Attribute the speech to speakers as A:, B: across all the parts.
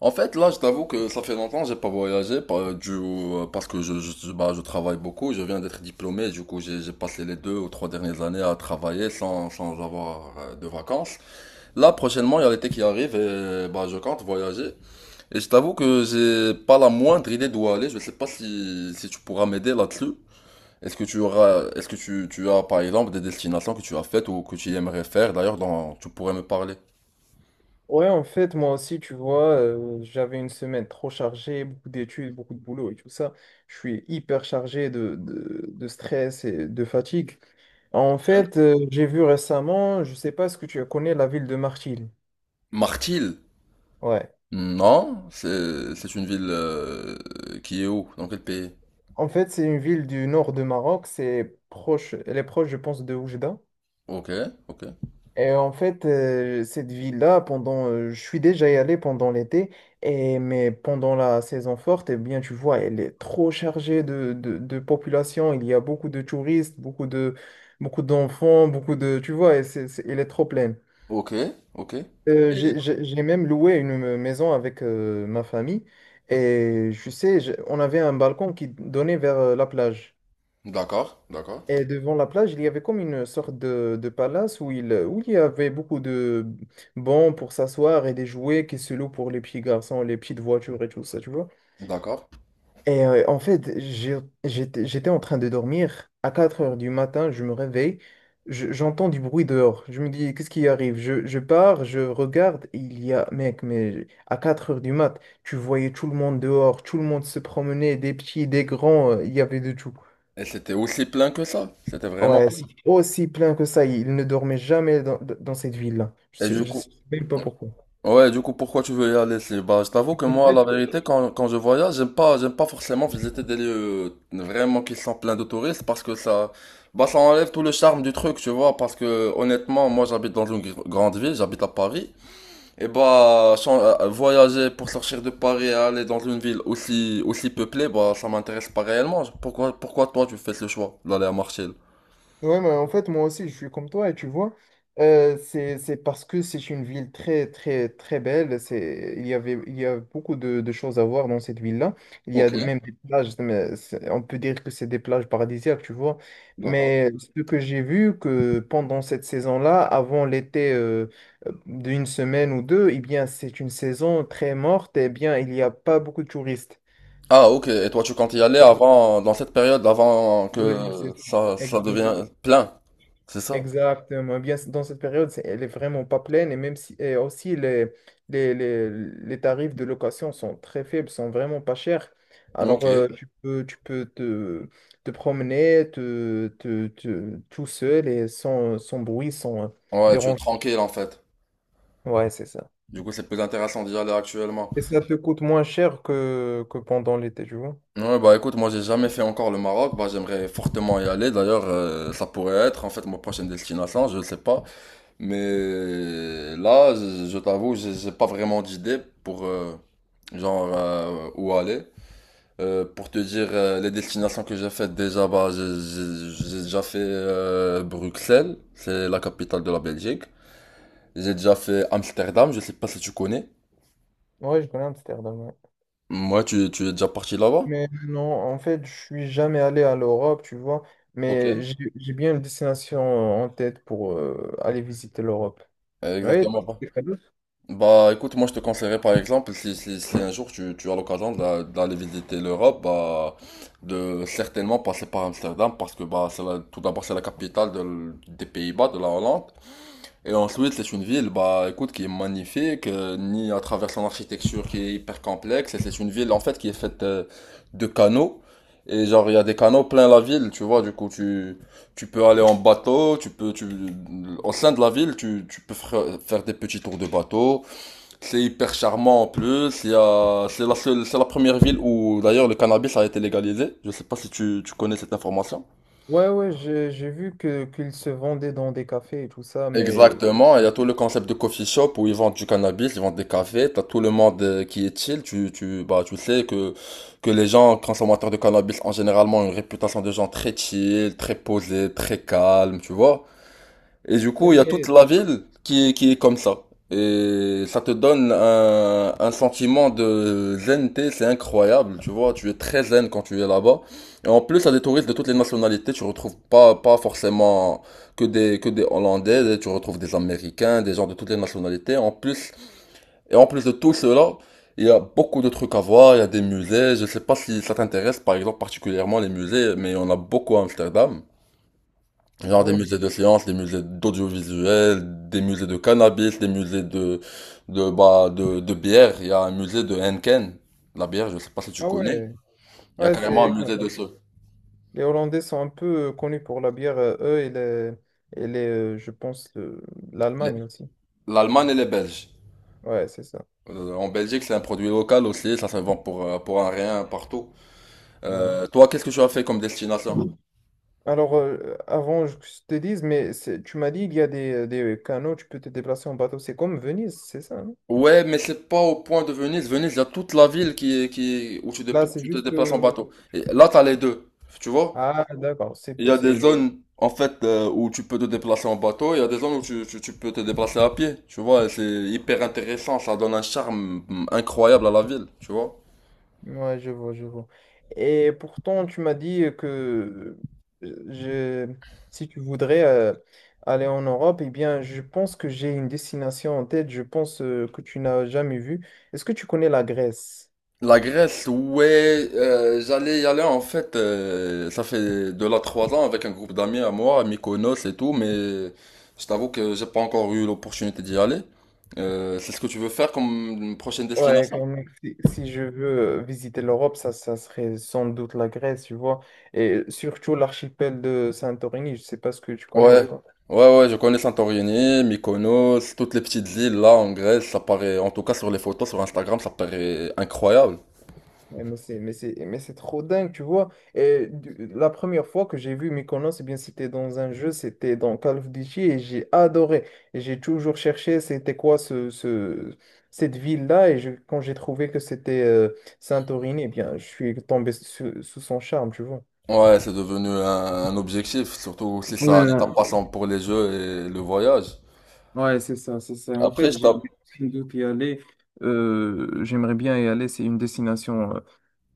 A: En fait, là, je t'avoue que ça fait longtemps que j'ai pas voyagé parce que je travaille beaucoup. Je viens d'être diplômé, du coup, j'ai passé les deux ou trois dernières années à travailler sans avoir de vacances. Là, prochainement, il y a l'été qui arrive et bah, je compte voyager. Et je t'avoue que j'ai pas la moindre idée d'où aller. Je sais pas si tu pourras m'aider là-dessus. Est-ce que tu as par exemple des destinations que tu as faites ou que tu aimerais faire d'ailleurs dont tu pourrais me parler?
B: Ouais, en fait, moi aussi, tu vois, j'avais une semaine trop chargée, beaucoup d'études, beaucoup de boulot et tout ça. Je suis hyper chargé de stress et de fatigue. En
A: Ok.
B: fait, j'ai vu récemment, je sais pas ce que tu connais, la ville de Martil.
A: Martil.
B: Ouais.
A: Non, c'est une ville qui est où? Dans quel pays?
B: En fait, c'est une ville du nord de Maroc, elle est proche, je pense, de Oujda.
A: Ok, ok,
B: Et en fait, cette ville-là, je suis déjà y allé pendant l'été, et mais pendant la saison forte, eh bien, tu vois, elle est trop chargée de population. Il y a beaucoup de touristes, beaucoup d'enfants, beaucoup de, tu vois, et elle est trop pleine.
A: ok, ok. Et-
B: J'ai même loué une maison avec ma famille, et on avait un balcon qui donnait vers la plage.
A: D'accord, d'accord,
B: Et devant la plage, il y avait comme une sorte de palace où il y avait beaucoup de bancs pour s'asseoir et des jouets qui se louent pour les petits garçons, les petites voitures et tout ça, tu vois.
A: d'accord.
B: Et en fait, j'étais en train de dormir. À 4 heures du matin, je me réveille, j'entends du bruit dehors. Je me dis, qu'est-ce qui arrive? Je pars, je regarde, il y a, mec, mais à 4 heures du mat, tu voyais tout le monde dehors, tout le monde se promenait, des petits, des grands, il y avait de tout.
A: Et c'était aussi plein que ça. C'était vraiment
B: Ouais,
A: plein.
B: c'est aussi plein que ça. Il ne dormait jamais dans cette ville-là.
A: Et du
B: Je
A: coup,
B: sais même pas pourquoi.
A: ouais, du coup, pourquoi tu veux y aller? Bah, je t'avoue que moi, la vérité, quand je voyage, j'aime pas forcément visiter des lieux vraiment qui sont pleins de touristes parce que bah, ça enlève tout le charme du truc, tu vois. Parce que honnêtement, moi, j'habite dans une grande ville, j'habite à Paris. Et bah, voyager pour sortir de Paris et aller dans une ville aussi peuplée, bah, ça m'intéresse pas réellement. Pourquoi toi tu fais ce choix d'aller à Marseille?
B: Ouais, mais en fait, moi aussi, je suis comme toi, et tu vois, c'est parce que c'est une ville très, très, très belle. C'est, il y avait, il y a beaucoup de choses à voir dans cette ville-là. Il y a
A: Ok,
B: même des plages, mais on peut dire que c'est des plages paradisiaques, tu vois.
A: d'accord.
B: Mais ce que j'ai vu, que pendant cette saison-là, avant l'été d'une semaine ou deux, eh bien, c'est une saison très morte, et bien, il n'y a pas beaucoup de touristes.
A: Ah, ok. Et toi tu comptes y aller avant, dans cette période, avant
B: Ouais,
A: que
B: c'est-
A: ça
B: exact.
A: devienne plein. C'est ça?
B: Exactement. Bien, dans cette période, elle est vraiment pas pleine et même si et aussi les tarifs de location sont très faibles, sont vraiment pas chers. Alors
A: Ok.
B: tu peux te promener tout seul et sans bruit, sans
A: Ouais, tu es
B: dérange.
A: tranquille en fait.
B: Ouais, c'est ça.
A: Du coup, c'est plus intéressant d'y aller actuellement.
B: Et ça te coûte moins cher que pendant l'été, tu vois.
A: Ouais, bah écoute, moi j'ai jamais fait encore le Maroc. Bah j'aimerais fortement y aller. D'ailleurs, ça pourrait être en fait ma prochaine destination, je sais pas. Mais là, je t'avoue, j'ai pas vraiment d'idée pour genre où aller. Pour te dire les destinations que j'ai faites déjà, bah, j'ai déjà fait Bruxelles, c'est la capitale de la Belgique. J'ai déjà fait Amsterdam, je sais pas si tu connais.
B: Ouais, je connais Amsterdam. Ouais.
A: Moi, tu es déjà parti là-bas?
B: Mais non, en fait, je suis jamais allé à l'Europe, tu vois.
A: Ok.
B: Mais j'ai bien une destination en tête pour aller visiter l'Europe. Oui.
A: Exactement, bah. Bah écoute, moi je te conseillerais par exemple, si un jour tu as l'occasion d'aller visiter l'Europe, bah, de certainement passer par Amsterdam parce que bah, tout d'abord c'est la capitale de des Pays-Bas, de la Hollande. Et ensuite c'est une ville bah, écoute, qui est magnifique, ni à travers son architecture qui est hyper complexe. Et c'est une ville en fait qui est faite de canaux. Et genre il y a des canaux plein la ville, tu vois, du coup tu... Tu peux aller en bateau, au sein de la ville, tu peux faire des petits tours de bateau. C'est hyper charmant en plus. C'est la seule, c'est la première ville où d'ailleurs le cannabis a été légalisé. Je sais pas si tu connais cette information.
B: Ouais, ouais, j'ai vu que qu'ils se vendaient dans des cafés et tout ça, mais,
A: Exactement. Il y a tout le concept de coffee shop où ils vendent du cannabis, ils vendent des cafés. T'as tout le monde qui est chill. Tu sais que les gens consommateurs de cannabis ont généralement une réputation de gens très chill, très posés, très calmes, tu vois. Et du
B: et
A: coup, il y a toute
B: mais
A: la ville qui est comme ça. Et ça te donne un sentiment de zenneté, c'est incroyable, tu vois, tu es très zen quand tu es là-bas. Et en plus, il y a des touristes de toutes les nationalités, tu retrouves pas forcément que des Hollandais, tu retrouves des Américains, des gens de toutes les nationalités. En plus, et en plus de tout cela, il y a beaucoup de trucs à voir, il y a des musées, je sais pas si ça t'intéresse, par exemple, particulièrement les musées, mais on a beaucoup à Amsterdam. Genre des
B: ouais, bien.
A: musées de sciences, des musées d'audiovisuel, des musées de cannabis, des musées de, bah, de bière. Il y a un musée de Henken, la bière, je sais pas si tu
B: Ah
A: connais.
B: ouais,
A: Il y a
B: ouais,
A: carrément un
B: c'est
A: musée de ce.
B: les Hollandais sont un peu connus pour la bière, eux et les je pense
A: les-
B: l'Allemagne aussi.
A: L'Allemagne et les Belges.
B: Ouais, c'est ça.
A: En Belgique, c'est un produit local aussi, ça se vend pour un rien partout.
B: Ouais.
A: Toi, qu'est-ce que tu as fait comme destination?
B: Alors, avant que je te dise, mais tu m'as dit il y a des canaux, tu peux te déplacer en bateau. C'est comme Venise, c'est ça, non?
A: Ouais, mais c'est pas au point de Venise. Venise, il y a toute la ville où
B: Là, c'est
A: tu te
B: juste.
A: déplaces en bateau. Et là, t'as les deux. Tu vois?
B: Ah, d'accord,
A: Il y
B: c'est
A: a des
B: c'est
A: zones en fait où tu peux te déplacer en bateau, il y a des zones où tu peux te déplacer à pied, tu vois, et c'est hyper intéressant, ça donne un charme mm, incroyable à la ville, tu vois.
B: ouais, je vois, je vois. Et pourtant, tu m'as dit que euh, je, si tu voudrais aller en Europe, eh bien, je pense que j'ai une destination en tête, je pense que tu n'as jamais vue. Est-ce que tu connais la Grèce?
A: La Grèce, ouais, j'allais y aller en fait, ça fait de là trois ans avec un groupe d'amis à moi, à Mykonos et tout, mais je t'avoue que j'ai pas encore eu l'opportunité d'y aller. C'est ce que tu veux faire comme prochaine
B: Ouais,
A: destination?
B: quand même, si je veux visiter l'Europe, ça serait sans doute la Grèce, tu vois. Et surtout l'archipel de Santorini, je sais pas ce que tu connais ou
A: Ouais,
B: pas.
A: ouais, je connais Santorini, Mykonos, toutes les petites îles là en Grèce, ça paraît, en tout cas sur les photos, sur Instagram, ça paraît incroyable.
B: Ouais, mais c'est trop dingue, tu vois. La première fois que j'ai vu Mykonos, eh bien, c'était dans un jeu, c'était dans Call of Duty et j'ai adoré. Et j'ai toujours cherché c'était quoi cette ville-là. Quand j'ai trouvé que c'était Santorini, eh bien, je suis tombé sous son charme, tu vois.
A: Ouais, c'est devenu un objectif, surtout si ça a l'étape
B: Ouais,
A: passant pour les jeux et le voyage.
B: ouais, c'est ça, c'est ça. En fait,
A: Après, je tape
B: j'ai envie d'y aller. J'aimerais bien y aller. C'est une destination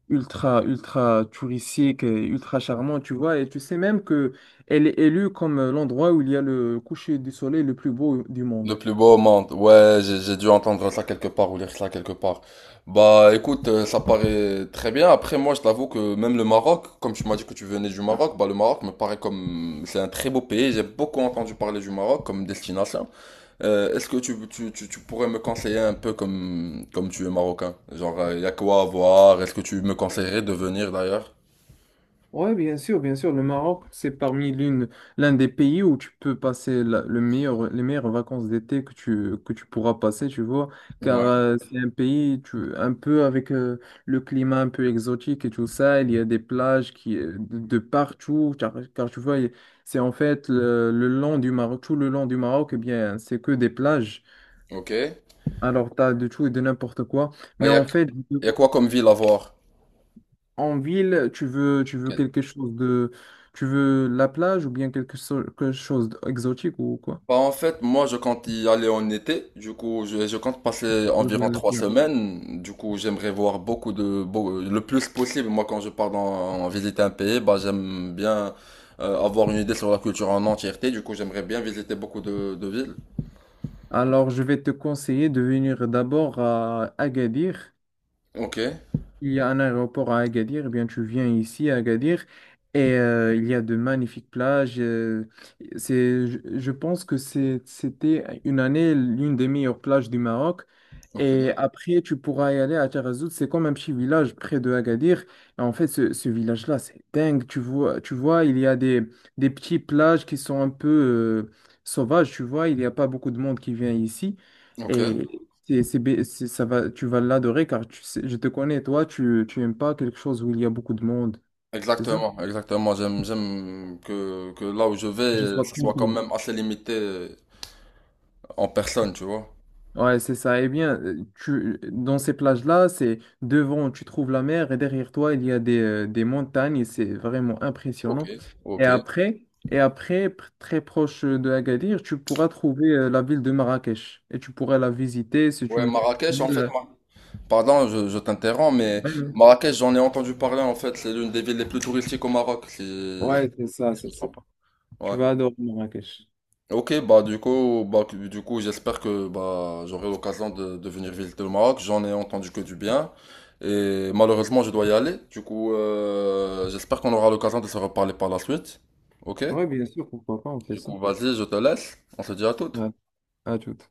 B: ultra, ultra touristique et ultra charmant, tu vois. Et tu sais même que elle est élue comme l'endroit où il y a le coucher du soleil le plus beau du
A: le
B: monde.
A: plus beau au monde. Ouais, j'ai dû entendre ça quelque part ou lire ça quelque part. Bah écoute, ça paraît très bien. Après, moi, je t'avoue que même le Maroc, comme tu m'as dit que tu venais du Maroc, bah le Maroc me paraît comme... C'est un très beau pays, j'ai beaucoup entendu parler du Maroc comme destination. Est-ce que tu pourrais me conseiller un peu comme tu es marocain? Genre, il y a quoi à voir? Est-ce que tu me conseillerais de venir d'ailleurs?
B: Ouais, bien sûr, bien sûr. Le Maroc, c'est parmi l'un des pays où tu peux passer le meilleur, les meilleures vacances d'été que tu pourras passer, tu vois, car
A: Ouais,
B: c'est un pays tu, un peu avec le climat un peu exotique et tout ça. Il y a des plages qui, de partout, car tu vois, c'est en fait le long du Maroc, tout le long du Maroc, eh bien, c'est que des plages.
A: ok.
B: Alors, tu as de tout et de n'importe quoi.
A: Ah,
B: Mais
A: il y a,
B: en fait,
A: y a quoi comme ville à voir?
B: en ville, tu veux
A: Ok.
B: quelque chose de... Tu veux la plage ou bien quelque chose d'exotique ou quoi?
A: Bah, en fait, moi je compte y aller en été. Du coup, je compte passer
B: Tu voudrais
A: environ
B: la
A: trois
B: plage.
A: semaines. Du coup, j'aimerais voir le plus possible. Moi, quand je pars dans, visiter un pays, bah, j'aime bien avoir une idée sur la culture en entièreté. Du coup, j'aimerais bien visiter beaucoup de villes.
B: Alors, je vais te conseiller de venir d'abord à Agadir.
A: Ok,
B: Il y a un aéroport à Agadir, eh bien tu viens ici à Agadir et il y a de magnifiques plages. Euh, je pense que c'était une année l'une des meilleures plages du Maroc.
A: ok,
B: Et après, tu pourras y aller à Taghazout. C'est comme un petit village près de Agadir. Et en fait, ce village-là, c'est dingue. Tu vois, il y a des petites plages qui sont un peu sauvages. Tu vois, il n'y a pas beaucoup de monde qui vient ici.
A: ok.
B: Et ça va, tu vas l'adorer car je te connais, toi, tu aimes pas quelque chose où il y a beaucoup de monde, c'est ça?
A: Exactement, exactement. J'aime que là où je
B: Je
A: vais,
B: sois
A: ça soit quand
B: tranquille.
A: même assez limité en personne, tu vois.
B: Ouais, c'est ça. Eh bien, dans ces plages-là, c'est devant, tu trouves la mer et derrière toi, il y a des montagnes et c'est vraiment
A: Ok,
B: impressionnant. Et
A: ok.
B: après, très proche de Agadir, tu pourras trouver la ville de Marrakech et tu pourras la visiter.
A: Ouais,
B: Tu
A: Marrakech,
B: connais
A: en fait, moi. Pardon, je t'interromps, mais
B: ouais, ouais.
A: Marrakech, j'en ai entendu parler, en fait. C'est l'une des villes les plus touristiques au Maroc, si
B: Ouais,
A: je
B: c'est ça, c'est
A: me
B: ça.
A: trompe pas.
B: Tu
A: Ouais.
B: vas adorer Marrakech.
A: Ok, bah du coup, du coup, j'espère que bah j'aurai l'occasion de venir visiter le Maroc. J'en ai entendu que du bien. Et malheureusement, je dois y aller. Du coup, j'espère qu'on aura l'occasion de se reparler par la suite. Ok?
B: Ouais, bien sûr, pourquoi pas, on fait
A: Du
B: ça.
A: coup, vas-y, je te laisse. On se dit à toutes.
B: À, à toute.